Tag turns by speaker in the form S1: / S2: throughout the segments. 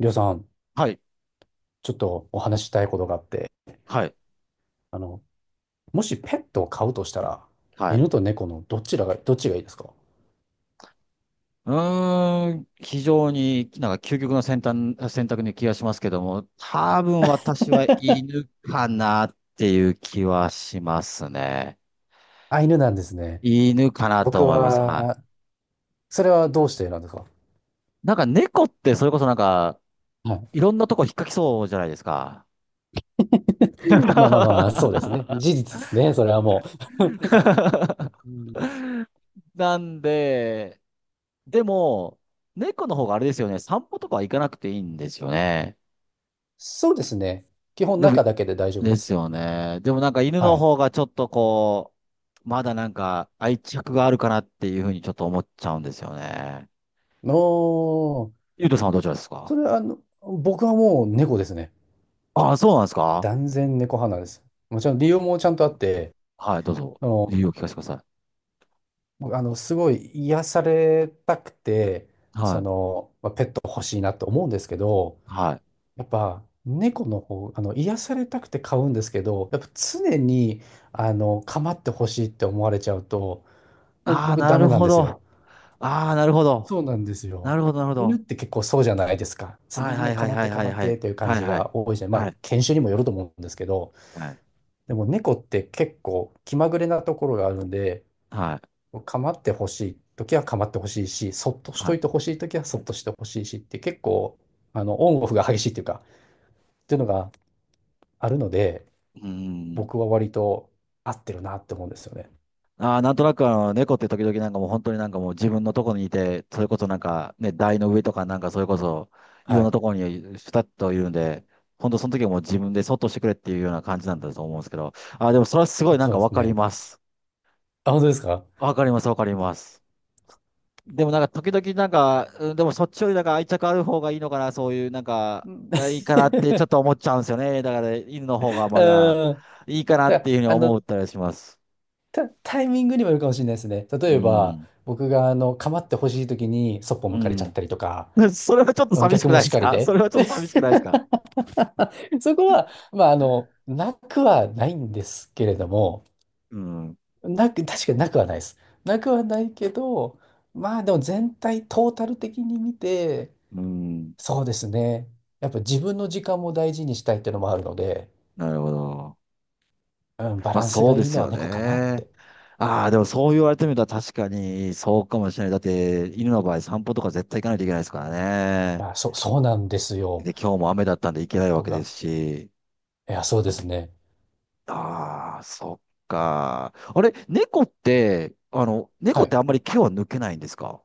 S1: りょうさん、
S2: はい、
S1: ちょっとお話ししたいことがあって、
S2: はい、
S1: あの、もしペットを飼うとしたら、
S2: はい。
S1: 犬と猫のどっちがいいですか？
S2: うーん、非常になんか究極の選択に気がしますけども、多分私は犬かなっていう気はしますね。
S1: あ、犬なんですね。
S2: 犬かなと
S1: 僕
S2: 思います。は
S1: は、それはどうしてなんですか？
S2: い。なんか猫ってそれこそなんか、
S1: はい。
S2: いろんなとこ引っかきそうじゃないですか。
S1: まあまあまあ、そうですね。事実ですね。それはもう、うん、
S2: なんで、でも、猫の方があれですよね、散歩とかは行かなくていいんですよね。
S1: そうですね。基本
S2: でも
S1: 中だけで大丈夫
S2: で
S1: で
S2: す
S1: す。
S2: よね。でもなんか犬
S1: は
S2: の
S1: い。
S2: 方がちょっとこう、まだなんか愛着があるかなっていうふうにちょっと思っちゃうんですよね。
S1: おー、
S2: ゆうとさんはどちらです
S1: そ
S2: か？
S1: れは僕はもう猫ですね。
S2: ああ、そうなんですか？
S1: 断然猫派なんです。もちろん理由もちゃんとあって、
S2: はい、どうぞ。
S1: あの、
S2: 理由を聞かせてくださ
S1: すごい癒されたくて、
S2: い。は
S1: そ
S2: い。
S1: の、まあ、ペット欲しいなと思うんですけど、
S2: はい。
S1: やっぱ猫の方、癒されたくて飼うんですけど、やっぱ常に、構ってほしいって思われちゃうと、もう
S2: ああー、
S1: 僕
S2: な
S1: ダメ
S2: る
S1: なん
S2: ほ
S1: ですよ。
S2: ど。ああ、なるほど。
S1: そうなんです
S2: な
S1: よ。
S2: るほど、なるほ
S1: 犬っ
S2: ど。
S1: て結構そうじゃないですか。常
S2: はい
S1: に
S2: は
S1: もう
S2: いはい
S1: 構っ
S2: は
S1: て
S2: いは
S1: 構
S2: い
S1: っ
S2: はい。
S1: てという感
S2: はい
S1: じ
S2: はい。
S1: が多いじゃん。ま
S2: は
S1: あ、
S2: い。
S1: 犬種にもよると思うんですけど、
S2: はい。
S1: でも猫って結構気まぐれなところがあるんで、
S2: はい。
S1: 構ってほしい時は構ってほしいし、そっとし
S2: は
S1: と
S2: い。
S1: いてほしい時はそっとしてほしいしって結構、オンオフが激しいっていうのがあるので、
S2: うーん。
S1: 僕は割と合ってるなって思うんですよね。
S2: ああ、なんとなくあの、猫って時々なんかもう本当になんかもう自分のとこにいて、それこそなんかね、台の上とかなんかそれこそ、い
S1: は
S2: ろんな
S1: い。
S2: ところにふたっといるんで、本当その時はもう自分でそっとしてくれっていうような感じなんだと思うんですけど、ああ、でもそれはすごいなん
S1: そう
S2: か
S1: で
S2: わ
S1: す
S2: かり
S1: ね。
S2: ます。
S1: あ、本当ですか？
S2: わかります、わかります。でもなんか時々なんか、うんでもそっちよりなんか愛着ある方がいいのかな、そういうなんか、
S1: うん。
S2: あいいか なってちょっと思っちゃうんですよね。だから犬の方がまだ
S1: うん。
S2: いいかなっ
S1: だか
S2: て
S1: ら、
S2: いうふうに思ったりします。
S1: タイミングにもよるかもしれないですね。
S2: う
S1: 例えば、
S2: ん。
S1: 僕が、構ってほしい時にそっぽ
S2: う
S1: 向かれちゃっ
S2: ん。
S1: たりとか、
S2: それはちょっと寂し
S1: 逆
S2: く
S1: も
S2: ない
S1: し
S2: です
S1: かり
S2: か？ そ
S1: で、
S2: れはちょっと寂しくないですか？
S1: そこは、まあ、なくはないんですけれども、
S2: うん。
S1: なく、確かになくはないです。なくはないけど、まあでも全体、トータル的に見て、
S2: うん。
S1: そうですね。やっぱ自分の時間も大事にしたいっていうのもあるので、
S2: なるほど。
S1: うん、バ
S2: まあ
S1: ランス
S2: そう
S1: が
S2: で
S1: いい
S2: す
S1: のは
S2: よ
S1: 猫かなっ
S2: ね。
S1: て。
S2: ああ、でもそう言われてみたら確かにそうかもしれない。だって犬の場合散歩とか絶対行かないといけないですからね。
S1: あ、そう、そうなんですよ。
S2: で、今日も雨だったんで行けな
S1: そ
S2: いわ
S1: こ
S2: けで
S1: が。
S2: すし。
S1: いや、そうですね。
S2: ああ、そっか。あれ、猫って、あの、猫
S1: は
S2: って
S1: い。
S2: あんまり毛は抜けないんですか？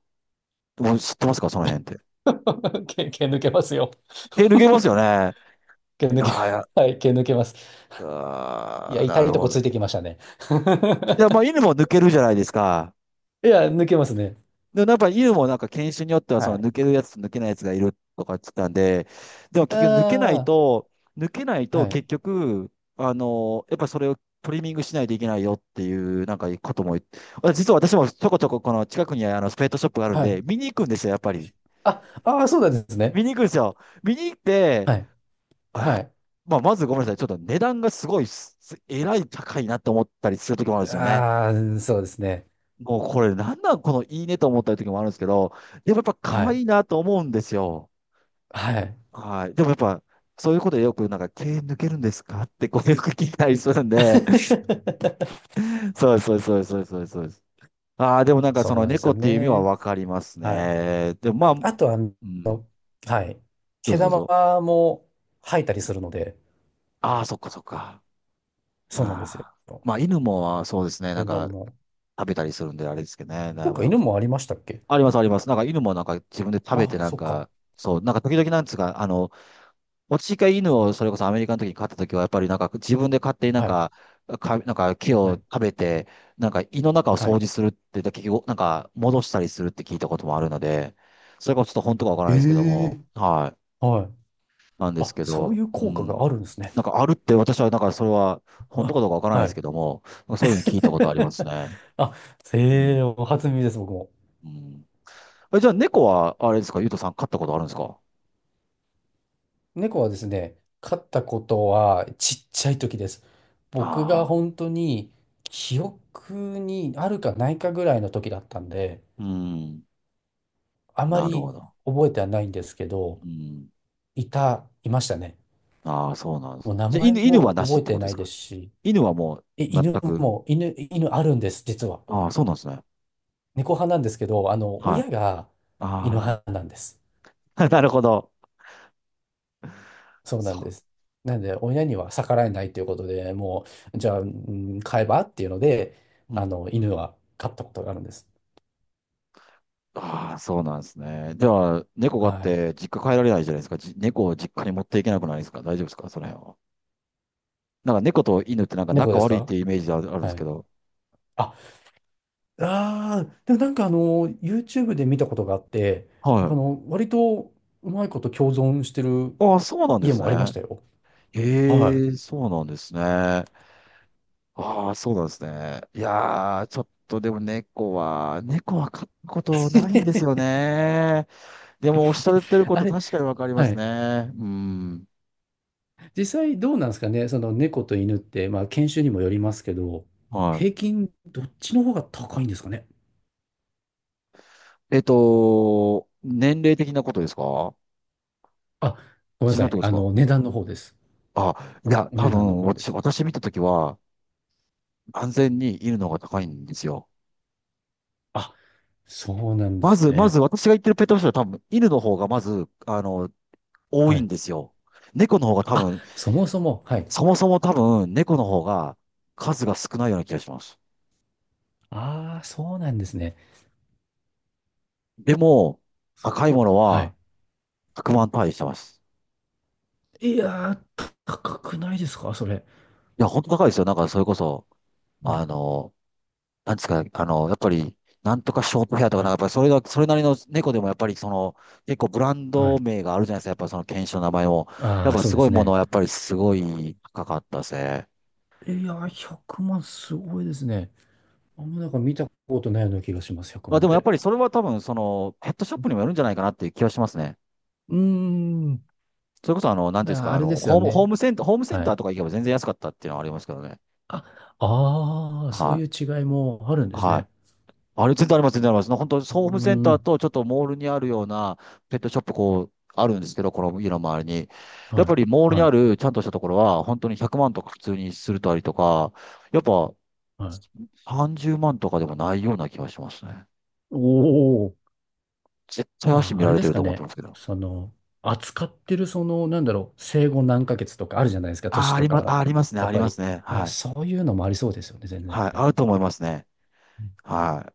S2: もう知ってますかその辺って。
S1: 毛抜けますよ。
S2: え、抜けますよね。あ
S1: 毛抜け、
S2: あ、や、
S1: はい、毛抜けます。い
S2: あ
S1: や、
S2: あ、
S1: 痛
S2: な
S1: い
S2: る
S1: と
S2: ほ
S1: こつ
S2: ど。
S1: いてきましたね。
S2: いや、まあ犬も抜けるじゃないですか。
S1: いや、抜けますね。
S2: でもやっぱ犬もなんか犬種によっては
S1: は
S2: その抜
S1: い。
S2: けるやつと抜けないやつがいるとか言ってたんで、でも結局抜けない
S1: あ
S2: と、抜けない
S1: あ、
S2: と
S1: は
S2: 結
S1: い。
S2: 局、あの、やっぱそれをトリミングしないといけないよっていうなんかことも言って、あ実は私もちょこちょここの近くにあのスペットショップがあるん
S1: は
S2: で、
S1: い。
S2: 見に行くんですよ、やっぱり。
S1: あ、ああ、そうなんですね。
S2: 見に行くんですよ。見に行って、
S1: はい。
S2: あ、
S1: はい。
S2: まあまずごめんなさい、ちょっと値段がすごいす、えらい高いなと思ったりするときもあるんですよね。
S1: ああ、そうですね。
S2: もうこれなんなんこのいいねと思った時もあるんですけど、でもやっぱ
S1: は
S2: 可
S1: い。
S2: 愛いなと思うんですよ。
S1: はい。
S2: はい。でもやっぱ、そういうことでよくなんか、毛抜けるんですかってこう よく聞いたりするんで、そうです、そうです、そうです、そうです、そうです。そうですああ、でもなんか
S1: そ
S2: そ
S1: う
S2: の
S1: なんです
S2: 猫
S1: よ
S2: っていう意味は
S1: ね。
S2: わかります
S1: はい。
S2: ね。でもま
S1: あ、
S2: あ、
S1: あと、
S2: うん、
S1: はい。
S2: どう
S1: 毛
S2: ぞどう
S1: 玉
S2: ぞ。
S1: も吐いたりするので、
S2: ああ、そっかそっか。
S1: そうなんですよ。
S2: ああ。まあ犬もそうですね、なん
S1: 天
S2: か
S1: 卵も。
S2: 食べたりするんであれですけどね。だ
S1: そ
S2: い
S1: っか、犬もありましたっけ？
S2: あります、あります。なんか犬もなんか自分で食べて
S1: あ、
S2: なん
S1: そっか。
S2: か、そう、なんか時々なんつうか、あの、私が犬をそれこそアメリカの時に飼った時は、やっぱりなんか自分で勝手になん
S1: はい。
S2: か、か、なんか木
S1: は
S2: を
S1: い。
S2: 食べて、なんか胃の中を
S1: は
S2: 掃
S1: い。
S2: 除するって、結局なんか戻したりするって聞いたこともあるので、それがちょっと本当かわから
S1: え
S2: ないですけども、
S1: え。
S2: はい。
S1: はい。
S2: なんです
S1: あ、
S2: け
S1: そう
S2: ど、
S1: いう
S2: う
S1: 効果が
S2: ん。
S1: あるんですね。
S2: なんかあるって私はなんかそれは本当
S1: あ、
S2: かどうかわからないで
S1: は
S2: すけ
S1: い。
S2: ども、なんかそういうふうに聞いたことあります ね。
S1: あ、
S2: う
S1: へ
S2: ん。
S1: え、お初耳です、僕も。
S2: うん。え、じゃあ猫はあれですか、ゆうとさん飼ったことあるんですか？
S1: 猫はですね、飼ったことはちっちゃい時です。僕が
S2: ああ
S1: 本当に記憶にあるかないかぐらいの時だったんで、
S2: ー。うん。
S1: あま
S2: なるほ
S1: り
S2: ど。
S1: 覚えてはないんですけど、
S2: うん。
S1: いましたね。
S2: ああ、そうなんで
S1: も
S2: す。
S1: う名
S2: じゃあ、
S1: 前
S2: 犬は
S1: も
S2: なし
S1: 覚
S2: っ
S1: え
S2: て
S1: て
S2: ことで
S1: な
S2: す
S1: いで
S2: か？
S1: すし、
S2: 犬はもう
S1: え、
S2: 全
S1: 犬
S2: く。
S1: も、犬、犬あるんです、実は。
S2: ああ、そうなんですね。
S1: 猫派なんですけど、
S2: はい。
S1: 親が犬
S2: あ
S1: 派なんです。
S2: あ、なるほど。
S1: そうなんで
S2: そ
S1: す。なんで、親には逆らえないということで、もう、じゃあ、うん、飼えばっていうので、
S2: う。うん。
S1: 犬は飼ったことがあるんです。
S2: ああ、そうなんですね。じゃあ、猫があっ
S1: は
S2: て実家帰られないじゃないですか。じ、猫を実家に持っていけなくないですか？大丈夫ですかその辺は。なんか猫と犬って
S1: い。
S2: なんか
S1: 猫
S2: 仲
S1: です
S2: 悪いっ
S1: か？
S2: ていうイメージがあるあるんで
S1: は
S2: すけ
S1: い。
S2: ど。
S1: あ、あーでもなんかYouTube で見たことがあって、なん
S2: は
S1: か
S2: い。
S1: 割とうまいこと共存してる
S2: ああ、そうなんで
S1: 家
S2: す
S1: もありま
S2: ね。
S1: したよ。は
S2: へえ、そうなんですね。ああ、そうなんですね。いやー、ちょっとでも猫は、猫は飼ったこ
S1: い。
S2: とないんですよ ね。でもおっしゃ
S1: え
S2: ってるこ
S1: あ
S2: と
S1: れ、
S2: 確かにわかりま
S1: は
S2: す
S1: い。
S2: ね。うん。
S1: 実際どうなんですかね、その猫と犬って、まあ、犬種にもよりますけど、
S2: は
S1: 平均どっちの方が高いんですかね。
S2: い。えっと、年齢的なことですか？
S1: あ、ごめん
S2: 自
S1: な
S2: 分
S1: さ
S2: の
S1: い。
S2: とこですか？
S1: 値段の方です。
S2: あ、いや、
S1: お
S2: 多
S1: 値段の
S2: 分、
S1: 方で
S2: 私、
S1: すね。
S2: 私見たときは、安全に犬の方が高いんですよ。
S1: あ、そうなんで
S2: ま
S1: す
S2: ず、ま
S1: ね。
S2: ず私が言ってるペットショップは多分、犬の方がまず、あの、多
S1: は
S2: いん
S1: い。
S2: ですよ。猫の方が多
S1: あ、
S2: 分
S1: そもそも、はい。
S2: そもそも多分、猫の方が数が少ないような気がします。
S1: ああ、そうなんですね。
S2: でも、
S1: そ
S2: 高いもの
S1: う、は
S2: は
S1: い。
S2: 100万単位してます。
S1: いやー、高くないですか、それ？
S2: いや、本当高いですよ。なんか、それこそ、
S1: よ、
S2: あの、なんですか、あの、やっぱり、なんとかショートヘアとか、
S1: は
S2: なんか、や
S1: い。
S2: っぱりそれが、それなりの猫でも、やっぱり、その、結構ブラン
S1: は
S2: ド
S1: い。
S2: 名があるじゃないですか。やっぱその犬種の名前も。や
S1: あ
S2: っ
S1: あ、
S2: ぱ
S1: そう
S2: す
S1: で
S2: ごい
S1: す
S2: もの
S1: ね。
S2: は、やっぱりすごい高かったですね。
S1: いやー、100万すごいですね。あんまなんか見たことないような気がします、100
S2: まあ、
S1: 万っ
S2: でもやっ
S1: て。
S2: ぱりそれは多分、その、ペットショップにもよるんじゃないかなっていう気がしますね。
S1: うーん。
S2: それこそ、あの、なんていうんですか、
S1: あ
S2: あ
S1: れで
S2: の、
S1: すよ
S2: ホーム、ホー
S1: ね。
S2: ムセンター、ホームセン
S1: は
S2: ター
S1: い。
S2: とか行けば全然安かったっていうのはありますけどね。
S1: あ、ああ、そう
S2: は
S1: いう違いもあるん
S2: い。
S1: です
S2: は
S1: ね。
S2: い。あれ、全然あります、全然あります。本当、
S1: う
S2: ホームセン
S1: ー
S2: ター
S1: ん。
S2: とちょっとモールにあるようなペットショップ、こう、あるんですけど、この家の周りに。やっ
S1: は
S2: ぱ
S1: い。
S2: りモールに
S1: は
S2: あ
S1: い
S2: るちゃんとしたところは、本当に100万とか普通にするとありとか、やっぱ
S1: はい。
S2: 30万とかでもないような気がしますね。
S1: おお、
S2: 絶対足
S1: あ、
S2: 見
S1: あ
S2: ら
S1: れ
S2: れ
S1: で
S2: て
S1: す
S2: ると
S1: か
S2: 思って
S1: ね。
S2: ますけど。
S1: その、扱ってる、その、なんだろう、生後何ヶ月とかあるじゃないですか、
S2: あ
S1: 年
S2: あ、あ
S1: と
S2: り
S1: か
S2: ま、あー、あ
S1: も。
S2: りますね、
S1: やっ
S2: あり
S1: ぱ
S2: ま
S1: り、
S2: すね。
S1: あ、
S2: はい。
S1: そういうのもありそうですよね、全然。
S2: はい。あると思いますね。
S1: うん、
S2: はい。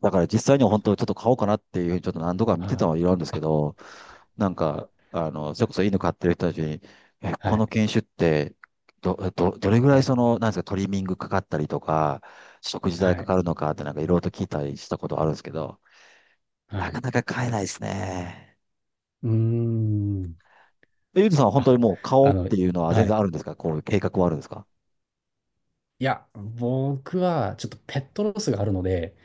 S2: だから実際には本当ちょっと買おうかなっていうふうにちょっと何度か見
S1: は
S2: てたのは
S1: い。
S2: いるんですけ
S1: あ、
S2: ど、なんか、あの、それこそ犬飼ってる人たちに、え、
S1: は
S2: この
S1: い、
S2: 犬種って、どれぐら
S1: は
S2: い
S1: い、
S2: その、なんですか、トリミングかかったりとか、食事
S1: は
S2: 代か
S1: い、
S2: かるのかってなんかいろいろと聞いたりしたことあるんですけど、
S1: は
S2: な
S1: い。
S2: かなか買えないですね。
S1: うーん。
S2: えゆうとさんは本当
S1: あ、
S2: にもう買お
S1: あ
S2: うっ
S1: の、
S2: ていうのは全
S1: は
S2: 然
S1: い。
S2: あるんですか？こういう計画はあるんですか？
S1: いや、僕は、ちょっとペットロスがあるので、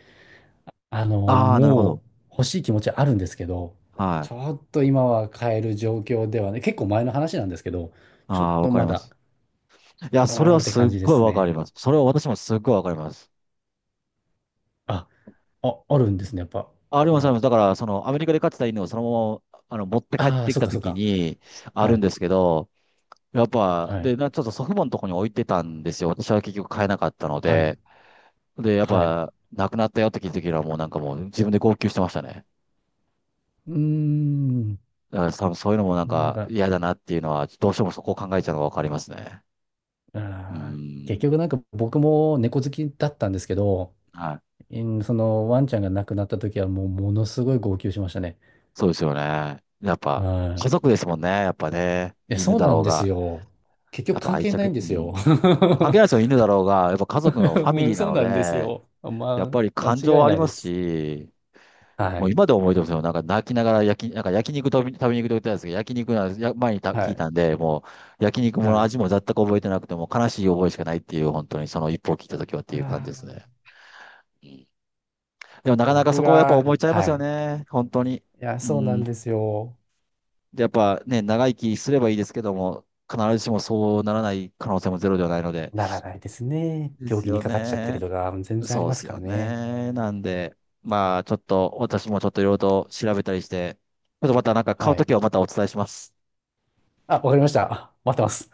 S2: ああー、なるほど。
S1: もう欲しい気持ちはあるんですけど、
S2: は
S1: ち
S2: い。
S1: ょっと今は買える状況ではね、結構前の話なんですけど、
S2: あ
S1: ちょっ
S2: あ、わ
S1: と
S2: かり
S1: ま
S2: ま
S1: だ、
S2: す。いや、
S1: う
S2: それ
S1: ー
S2: は
S1: んって
S2: すっ
S1: 感じで
S2: ごい
S1: す
S2: わかり
S1: ね。
S2: ます。それは私もすっごいわかります。
S1: あ、あ、あるんですね、やっぱ。
S2: あり
S1: そ
S2: ます、あり
S1: の、
S2: ます。だから、その、アメリカで飼ってた犬をそのまま、あの、持って帰っ
S1: ああ、
S2: てき
S1: そう
S2: た
S1: か
S2: と
S1: そう
S2: き
S1: か。
S2: に、あ
S1: は
S2: るん
S1: い、
S2: ですけど、やっぱ、
S1: はい、
S2: で、な、ちょっと祖父母のとこに置いてたんですよ。私は結局飼えなかったの
S1: はい、
S2: で。で、やっ
S1: はい。
S2: ぱ、亡くなったよって聞いたときにはもうなんかもう自分で号泣してましたね。
S1: うーん、
S2: だから多分そういうのもなん
S1: なん
S2: か
S1: か、
S2: 嫌だなっていうのは、どうしてもそこを考えちゃうのがわかりますね。うー
S1: 結
S2: ん。
S1: 局なんか僕も猫好きだったんですけど、
S2: はい。
S1: うん、そのワンちゃんが亡くなった時はもうものすごい号泣しましたね。
S2: そうですよね。やっ
S1: は
S2: ぱ、家
S1: い、
S2: 族ですもんね。やっぱね。
S1: や、
S2: 犬
S1: そう
S2: だ
S1: な
S2: ろ
S1: ん
S2: う
S1: です
S2: が。
S1: よ。結
S2: や
S1: 局
S2: っぱ
S1: 関
S2: 愛
S1: 係ない
S2: 着、
S1: ん
S2: う
S1: ですよ。
S2: ん。関係ないですよ、犬だろうが、やっぱ家族のファミ
S1: う
S2: リ
S1: ん、
S2: ーな
S1: そう
S2: の
S1: なんです
S2: で、
S1: よ。
S2: やっ
S1: ま
S2: ぱり
S1: あ、
S2: 感情
S1: 間違
S2: は
S1: い
S2: あ
S1: な
S2: り
S1: い
S2: ま
S1: で
S2: す
S1: す。
S2: し、
S1: は
S2: もう
S1: い。
S2: 今でも覚えてますよ。なんか泣きながら焼き、なんか焼肉食べに行くと言ってたんですけど、焼肉なんですや、前にた聞
S1: は
S2: いた
S1: い。
S2: んで、もう焼肉もの
S1: はい。
S2: 味も全く覚えてなくてもう悲しい覚えしかないっていう、本当にその一歩を聞いた時はって
S1: う
S2: い
S1: わ
S2: う感じですね。
S1: ー、
S2: うんでもなかなか
S1: 僕
S2: そこはやっぱ
S1: が、
S2: 思いちゃいま
S1: は
S2: すよ
S1: い。
S2: ね。本当に。
S1: いや、
S2: う
S1: そうなん
S2: ん。
S1: ですよ。
S2: で、やっぱね、長生きすればいいですけども、必ずしもそうならない可能性もゼロではないので。
S1: ならないですね。
S2: で
S1: 病
S2: す
S1: 気に
S2: よ
S1: かかっちゃった
S2: ね。
S1: りとか、全然あり
S2: そうで
S1: ます
S2: す
S1: か
S2: よ
S1: らね。
S2: ね。なんで、まあ、ちょっと、私もちょっといろいろと調べたりして、ちょっとまたなんか買う
S1: は
S2: と
S1: い。
S2: きはまたお伝えします。
S1: あ、わかりました。あ、待ってます。